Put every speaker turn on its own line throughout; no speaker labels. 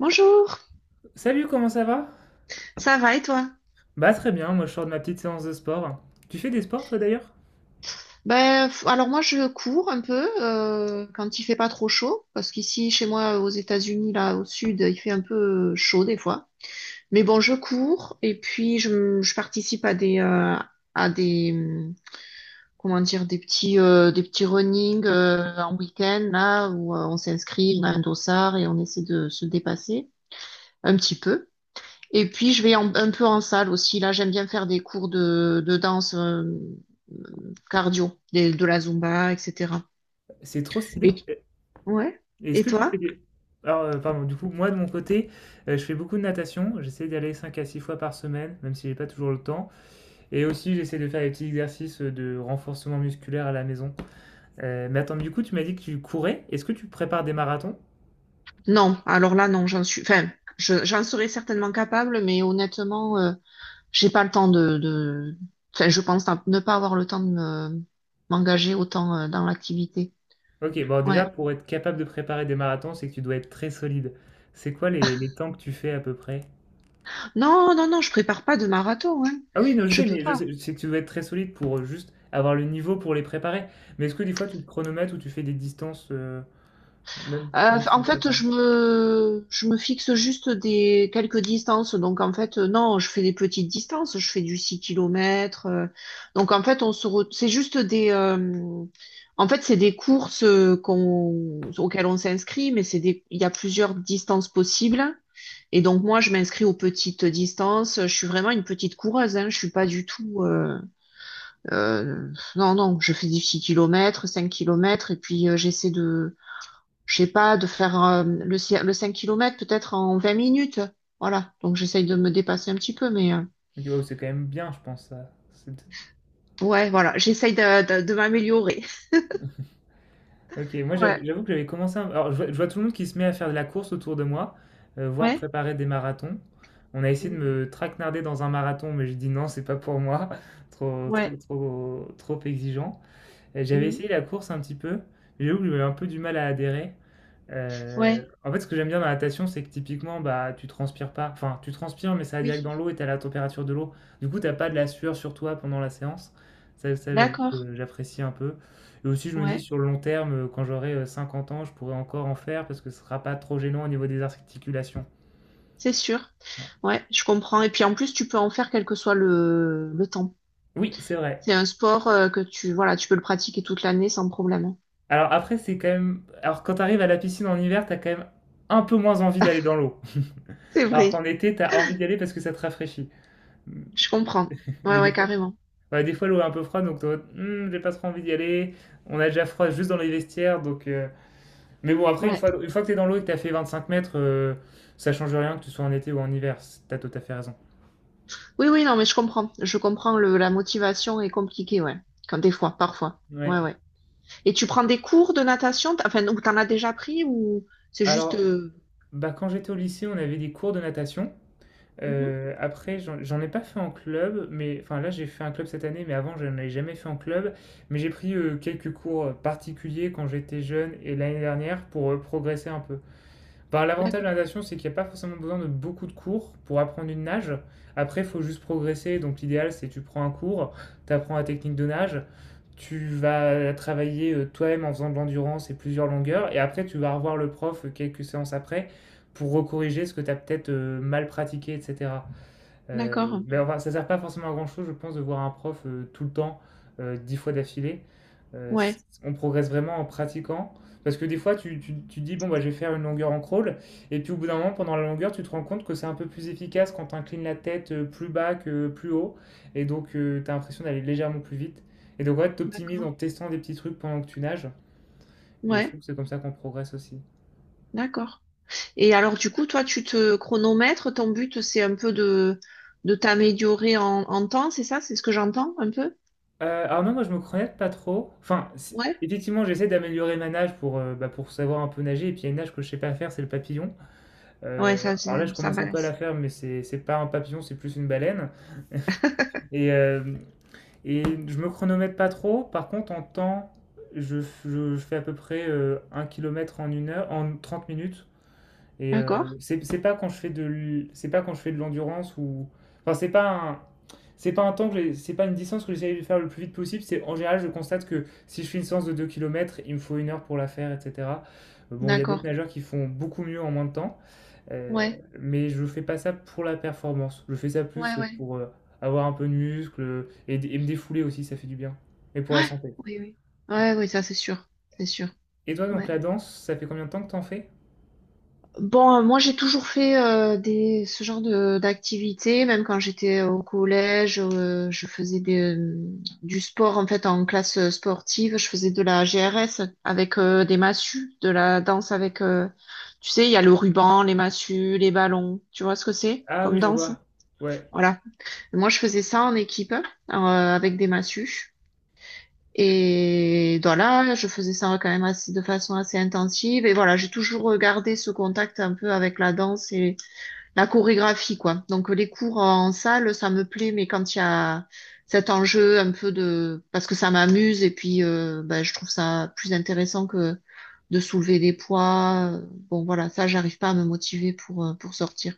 Bonjour,
Salut, comment ça va?
ça va et toi?
Bah très bien, moi je sors de ma petite séance de sport. Tu fais des sports toi d'ailleurs?
Ben, alors moi je cours un peu quand il fait pas trop chaud parce qu'ici chez moi aux États-Unis là au sud il fait un peu chaud des fois mais bon je cours et puis je participe à des comment dire des petits running en week-end là où on s'inscrit on a un dossard et on essaie de se dépasser un petit peu. Et puis, je vais un peu en salle aussi. Là, j'aime bien faire des cours de danse cardio, de la Zumba, etc.
C'est trop stylé.
Et, ouais.
Est-ce
Et
que tu fais
toi?
des... Alors, pardon, du coup, moi de mon côté, je fais beaucoup de natation. J'essaie d'aller 5 à 6 fois par semaine, même si j'ai pas toujours le temps. Et aussi, j'essaie de faire des petits exercices de renforcement musculaire à la maison. Mais attends, du coup, tu m'as dit que tu courais. Est-ce que tu prépares des marathons?
Non, alors là, non, j'en suis. Enfin, j'en serais certainement capable, mais honnêtement, j'ai pas le temps de, enfin, je pense à ne pas avoir le temps de m'engager autant dans l'activité.
Ok, bon, déjà,
Ouais.
pour être capable de préparer des marathons, c'est que tu dois être très solide. C'est quoi les temps que tu fais à peu près?
Non, non, non, je prépare pas de marathon, hein.
Ah oui, non, je
Je
sais,
peux
mais je
pas.
sais, c'est que tu dois être très solide pour juste avoir le niveau pour les préparer. Mais est-ce que des fois tu te chronomètres ou tu fais des distances même,
Euh,
même sans
En
te
fait,
préparer?
je me fixe juste des quelques distances. Donc, en fait, non, je fais des petites distances. Je fais du 6 km. Donc, en fait, c'est juste en fait, c'est des courses auxquelles on s'inscrit, mais c'est il y a plusieurs distances possibles. Et donc, moi, je m'inscris aux petites distances. Je suis vraiment une petite coureuse, hein. Je suis pas du tout, euh, non, non, je fais des 6 kilomètres, 5 kilomètres et puis j'essaie je sais pas, de faire le 5 km peut-être en 20 minutes. Voilà. Donc j'essaye de me dépasser un petit peu,
Ok, wow, c'est quand même bien, je pense. Ça.
ouais, voilà, j'essaye de m'améliorer.
Ok, moi j'avoue
Ouais,
j'avoue que j'avais commencé. Alors je vois tout le monde qui se met à faire de la course autour de moi, voire
ouais.
préparer des marathons. On a essayé de
Mm.
me traquenarder dans un marathon, mais j'ai dit non, c'est pas pour moi, trop, trop,
Ouais.
trop, trop exigeant. J'avais
Mm.
essayé la course un petit peu, mais j'avoue que j'avais un peu du mal à adhérer.
Ouais,
En fait, ce que j'aime bien dans la natation, c'est que typiquement, bah, tu transpires pas. Enfin, tu transpires, mais ça va direct
oui,
dans l'eau et t'as la température de l'eau. Du coup, t'as pas de la sueur sur toi pendant la séance. Ça, j'avoue
d'accord.
que j'apprécie un peu. Et aussi, je me dis,
Ouais,
sur le long terme, quand j'aurai 50 ans, je pourrai encore en faire parce que ce sera pas trop gênant au niveau des articulations.
c'est sûr.
Voilà.
Ouais, je comprends. Et puis en plus, tu peux en faire quel que soit le temps.
Oui, c'est vrai.
C'est un sport que voilà, tu peux le pratiquer toute l'année sans problème.
Alors après, c'est quand même... Alors quand t'arrives à la piscine en hiver, t'as quand même un peu moins envie d'aller dans l'eau.
C'est
Alors qu'en
vrai,
été, t'as envie d'y aller parce que ça te rafraîchit.
je comprends.
Mais
Ouais,
des
ouais,
fois,
carrément.
ouais, des fois, l'eau est un peu froide, donc t'es en mode, hmm, j'ai pas trop envie d'y aller. On a déjà froid juste dans les vestiaires, donc. Mais bon, après, une
Ouais.
fois, une fois que t'es dans l'eau et que t'as fait 25 mètres, ça change rien que tu sois en été ou en hiver. T'as tout à fait raison.
Oui, oui, non, mais je comprends. Je comprends la motivation est compliquée, ouais. Quand des fois, parfois. Ouais,
Ouais.
ouais. Et tu prends des cours de natation, enfin, ou t'en as déjà pris, ou c'est juste.
Alors, bah, quand j'étais au lycée, on avait des cours de natation.
Mhm.
Après, j'en ai pas fait en club, mais enfin là, j'ai fait un club cette année, mais avant, je n'en avais jamais fait en club. Mais j'ai pris quelques cours particuliers quand j'étais jeune et l'année dernière pour progresser un peu. Bah, l'avantage de
D'accord,
la natation, c'est qu'il n'y a pas forcément besoin de beaucoup de cours pour apprendre une nage. Après, il faut juste progresser. Donc, l'idéal, c'est tu prends un cours, tu apprends la technique de nage, tu vas travailler toi-même en faisant de l'endurance et plusieurs longueurs. Et après, tu vas revoir le prof quelques séances après pour recorriger ce que tu as peut-être mal pratiqué, etc. Euh,
d'accord.
enfin, ça sert pas forcément à grand-chose, je pense, de voir un prof tout le temps, 10 fois d'affilée.
Ouais,
On progresse vraiment en pratiquant. Parce que des fois, tu dis, bon, bah, je vais faire une longueur en crawl. Et puis au bout d'un moment, pendant la longueur, tu te rends compte que c'est un peu plus efficace quand tu inclines la tête plus bas que plus haut. Et donc, tu as l'impression d'aller légèrement plus vite. Et donc, ouais, tu optimises
d'accord.
en testant des petits trucs pendant que tu nages. Et je
Ouais,
trouve que c'est comme ça qu'on progresse aussi.
d'accord. Et alors, du coup, toi, tu te chronomètres, ton but, c'est un peu de t'améliorer en temps, c'est ça? C'est ce que j'entends un peu?
Alors non, moi je me connais pas trop.
Ouais?
Effectivement, j'essaie d'améliorer ma nage pour, bah, pour savoir un peu nager. Et puis il y a une nage que je sais pas faire, c'est le papillon.
Ouais,
Euh,
ça,
alors là, je
ça
commence un peu à la
balance.
faire, mais c'est pas un papillon, c'est plus une baleine. Et, euh, et je me chronomètre pas trop. Par contre, en temps, je fais à peu près 1 km en une heure, en 30 minutes.
D'accord,
C'est pas quand je fais c'est pas quand je fais de l'endurance ou enfin c'est pas un temps c'est pas une distance que j'essaie de faire le plus vite possible, c'est en général je constate que si je fais une séance de 2 kilomètres il me faut une heure pour la faire, etc. Bon, il y a d'autres
d'accord.
nageurs qui font beaucoup mieux en moins de temps, euh,
Ouais,
mais je fais pas ça pour la performance, je fais ça
ouais,
plus
ouais.
pour avoir un peu de muscle et me défouler aussi, ça fait du bien. Et pour la
Ouais,
santé.
oui, oui.
Ouais.
Ouais, oui, ça, c'est sûr. C'est sûr.
Et toi donc
Ouais.
la danse, ça fait combien de temps que t'en fais?
Bon, moi j'ai toujours fait ce genre de d'activité, même quand j'étais au collège, je faisais du sport en fait en classe sportive, je faisais de la GRS avec des massues, de la danse avec, tu sais, il y a le ruban, les massues, les ballons, tu vois ce que c'est
Ah
comme
oui, je
danse?
vois. Ouais.
Voilà. Moi je faisais ça en équipe avec des massues. Et voilà, je faisais ça quand même de façon assez intensive. Et voilà, j'ai toujours gardé ce contact un peu avec la danse, la chorégraphie, quoi. Donc les cours en salle, ça me plaît, mais quand il y a cet enjeu un peu de. Parce que ça m'amuse et puis ben, je trouve ça plus intéressant que de soulever des poids. Bon, voilà, ça, j'arrive pas à me motiver pour sortir.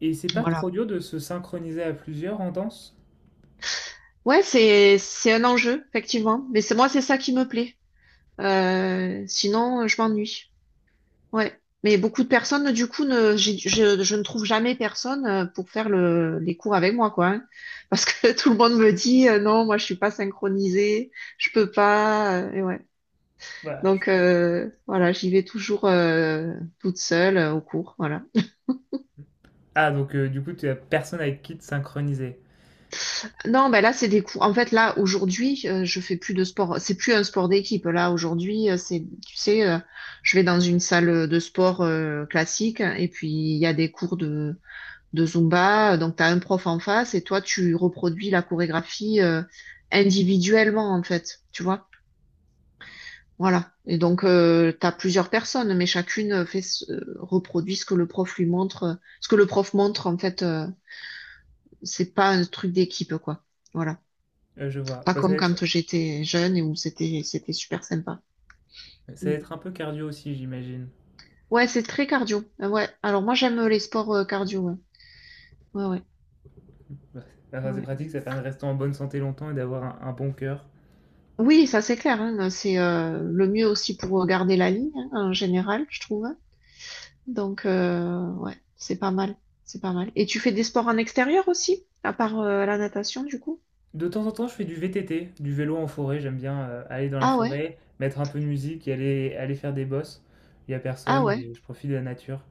Et c'est pas
Voilà.
trop dur de se synchroniser à plusieurs en danse?
Ouais, c'est un enjeu, effectivement. Mais c'est moi, c'est ça qui me plaît. Sinon, je m'ennuie. Ouais. Mais beaucoup de personnes, du coup, ne, j'ai- je ne trouve jamais personne pour faire les cours avec moi, quoi, hein. Parce que tout le monde me dit, non, moi, je suis pas synchronisée, je peux pas. Et ouais.
Voilà.
Donc, voilà, j'y vais toujours toute seule au cours, voilà.
Ah, donc du coup, tu as personne avec qui te synchroniser.
Non, ben là, c'est des cours. En fait, là, aujourd'hui, je fais plus de sport. C'est plus un sport d'équipe. Là, aujourd'hui, tu sais, je vais dans une salle de sport classique et puis il y a des cours de Zumba. Donc, tu as un prof en face et toi, tu reproduis la chorégraphie individuellement, en fait. Tu vois? Voilà. Et donc, tu as plusieurs personnes, mais chacune fait reproduit ce que le prof lui montre. Ce que le prof montre, en fait, c'est pas un truc d'équipe, quoi. Voilà.
Je vois.
Pas
Bah, ça
comme
va être...
quand j'étais jeune et où c'était super sympa.
Ça
Mm.
va être un peu cardio aussi, j'imagine.
Ouais, c'est très cardio. Ouais. Alors moi, j'aime les sports cardio. Ouais, ouais, ouais.
Bah, enfin, c'est
Ouais.
pratique, ça permet de rester en bonne santé longtemps et d'avoir un bon cœur.
Oui, ça c'est clair, hein, ben, c'est le mieux aussi pour garder la ligne, hein, en général, je trouve. Donc ouais, c'est pas mal, c'est pas mal. Et tu fais des sports en extérieur aussi, à part la natation du coup?
De temps en temps, je fais du VTT, du vélo en forêt. J'aime bien aller dans la
Ah ouais,
forêt, mettre un peu de musique et aller faire des bosses. Il y a
ah
personne
ouais,
et je profite de la nature.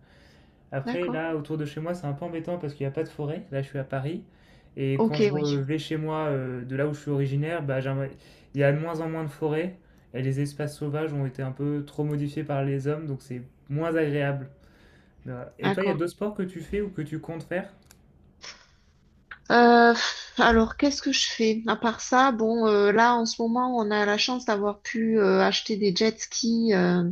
Après,
d'accord.
là, autour de chez moi, c'est un peu embêtant parce qu'il n'y a pas de forêt. Là, je suis à Paris. Et quand
Ok, oui,
vais chez moi, de là où je suis originaire, bah, il y a de moins en moins de forêts. Et les espaces sauvages ont été un peu trop modifiés par les hommes, donc c'est moins agréable. Voilà. Et toi, il y a
d'accord.
d'autres sports que tu fais ou que tu comptes faire?
Alors qu'est-ce que je fais? À part ça, bon, là en ce moment, on a la chance d'avoir pu acheter des jet skis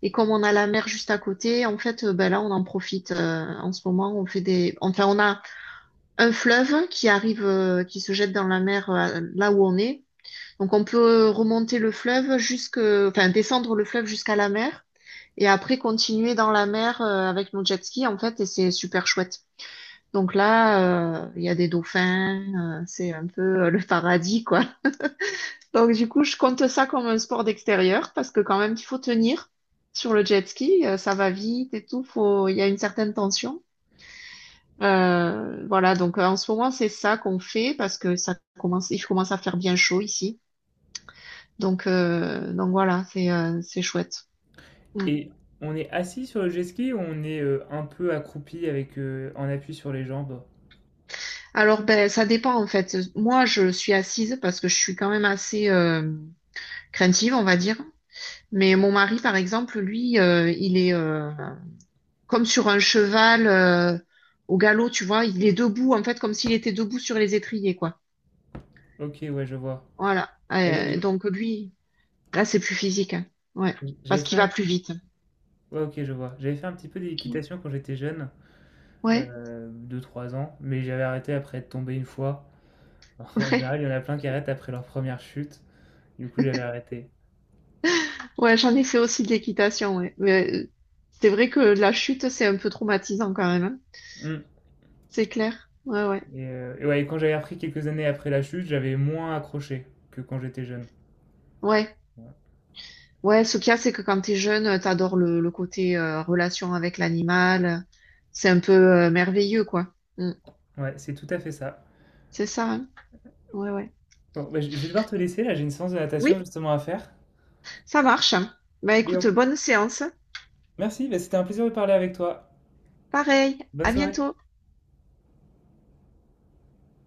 et comme on a la mer juste à côté, en fait, ben là, on en profite. En ce moment, on fait enfin, on a un fleuve qui arrive, qui se jette dans la mer là où on est. Donc on peut remonter le fleuve enfin descendre le fleuve jusqu'à la mer et après continuer dans la mer avec nos jet skis en fait et c'est super chouette. Donc là, il y a des dauphins, c'est un peu le paradis quoi. Donc du coup, je compte ça comme un sport d'extérieur parce que quand même il faut tenir sur le jet ski, ça va vite et tout, il y a une certaine tension. Voilà, donc en ce moment, c'est ça qu'on fait parce que il commence à faire bien chaud ici. Donc voilà, c'est chouette. Mm.
Et on est assis sur le jet ski ou on est un peu accroupi avec en appui sur les jambes?
Alors, ben, ça dépend en fait. Moi, je suis assise parce que je suis quand même assez craintive, on va dire. Mais mon mari, par exemple, lui, il est comme sur un cheval au galop, tu vois. Il est debout, en fait, comme s'il était debout sur les étriers, quoi.
Ok, ouais, je vois.
Voilà.
Euh, J'ai-
Donc lui, là, c'est plus physique, hein. Ouais,
J'avais
parce
fait
qu'il va
un...
plus vite.
ouais, ok, je vois. J'avais fait un petit peu d'équitation quand j'étais jeune.
Ouais,
2-3 ans, mais j'avais arrêté après être tombé une fois. En
ouais,
général, il y en a plein qui arrêtent après leur première chute. Du coup, j'avais arrêté.
ouais, j'en ai fait aussi de l'équitation, ouais. Mais c'est vrai que la chute, c'est un peu traumatisant quand même, hein.
Mmh,
C'est clair. Ouais, ouais,
et ouais, et quand j'avais repris quelques années après la chute, j'avais moins accroché que quand j'étais jeune.
ouais,
Ouais.
ouais. Ce qu'il y a, c'est que quand t'es jeune, t'adores le côté relation avec l'animal. C'est un peu merveilleux, quoi. Mm.
Ouais, c'est tout à fait ça.
C'est ça, hein. Ouais, ouais.
Bon, bah, je vais devoir te laisser là, j'ai une séance de natation
Oui,
justement à faire.
ça marche, hein. Bah
Mais
écoute,
on
bonne séance.
merci, bah, c'était un plaisir de parler avec toi.
Pareil,
Bonne
à
soirée.
bientôt.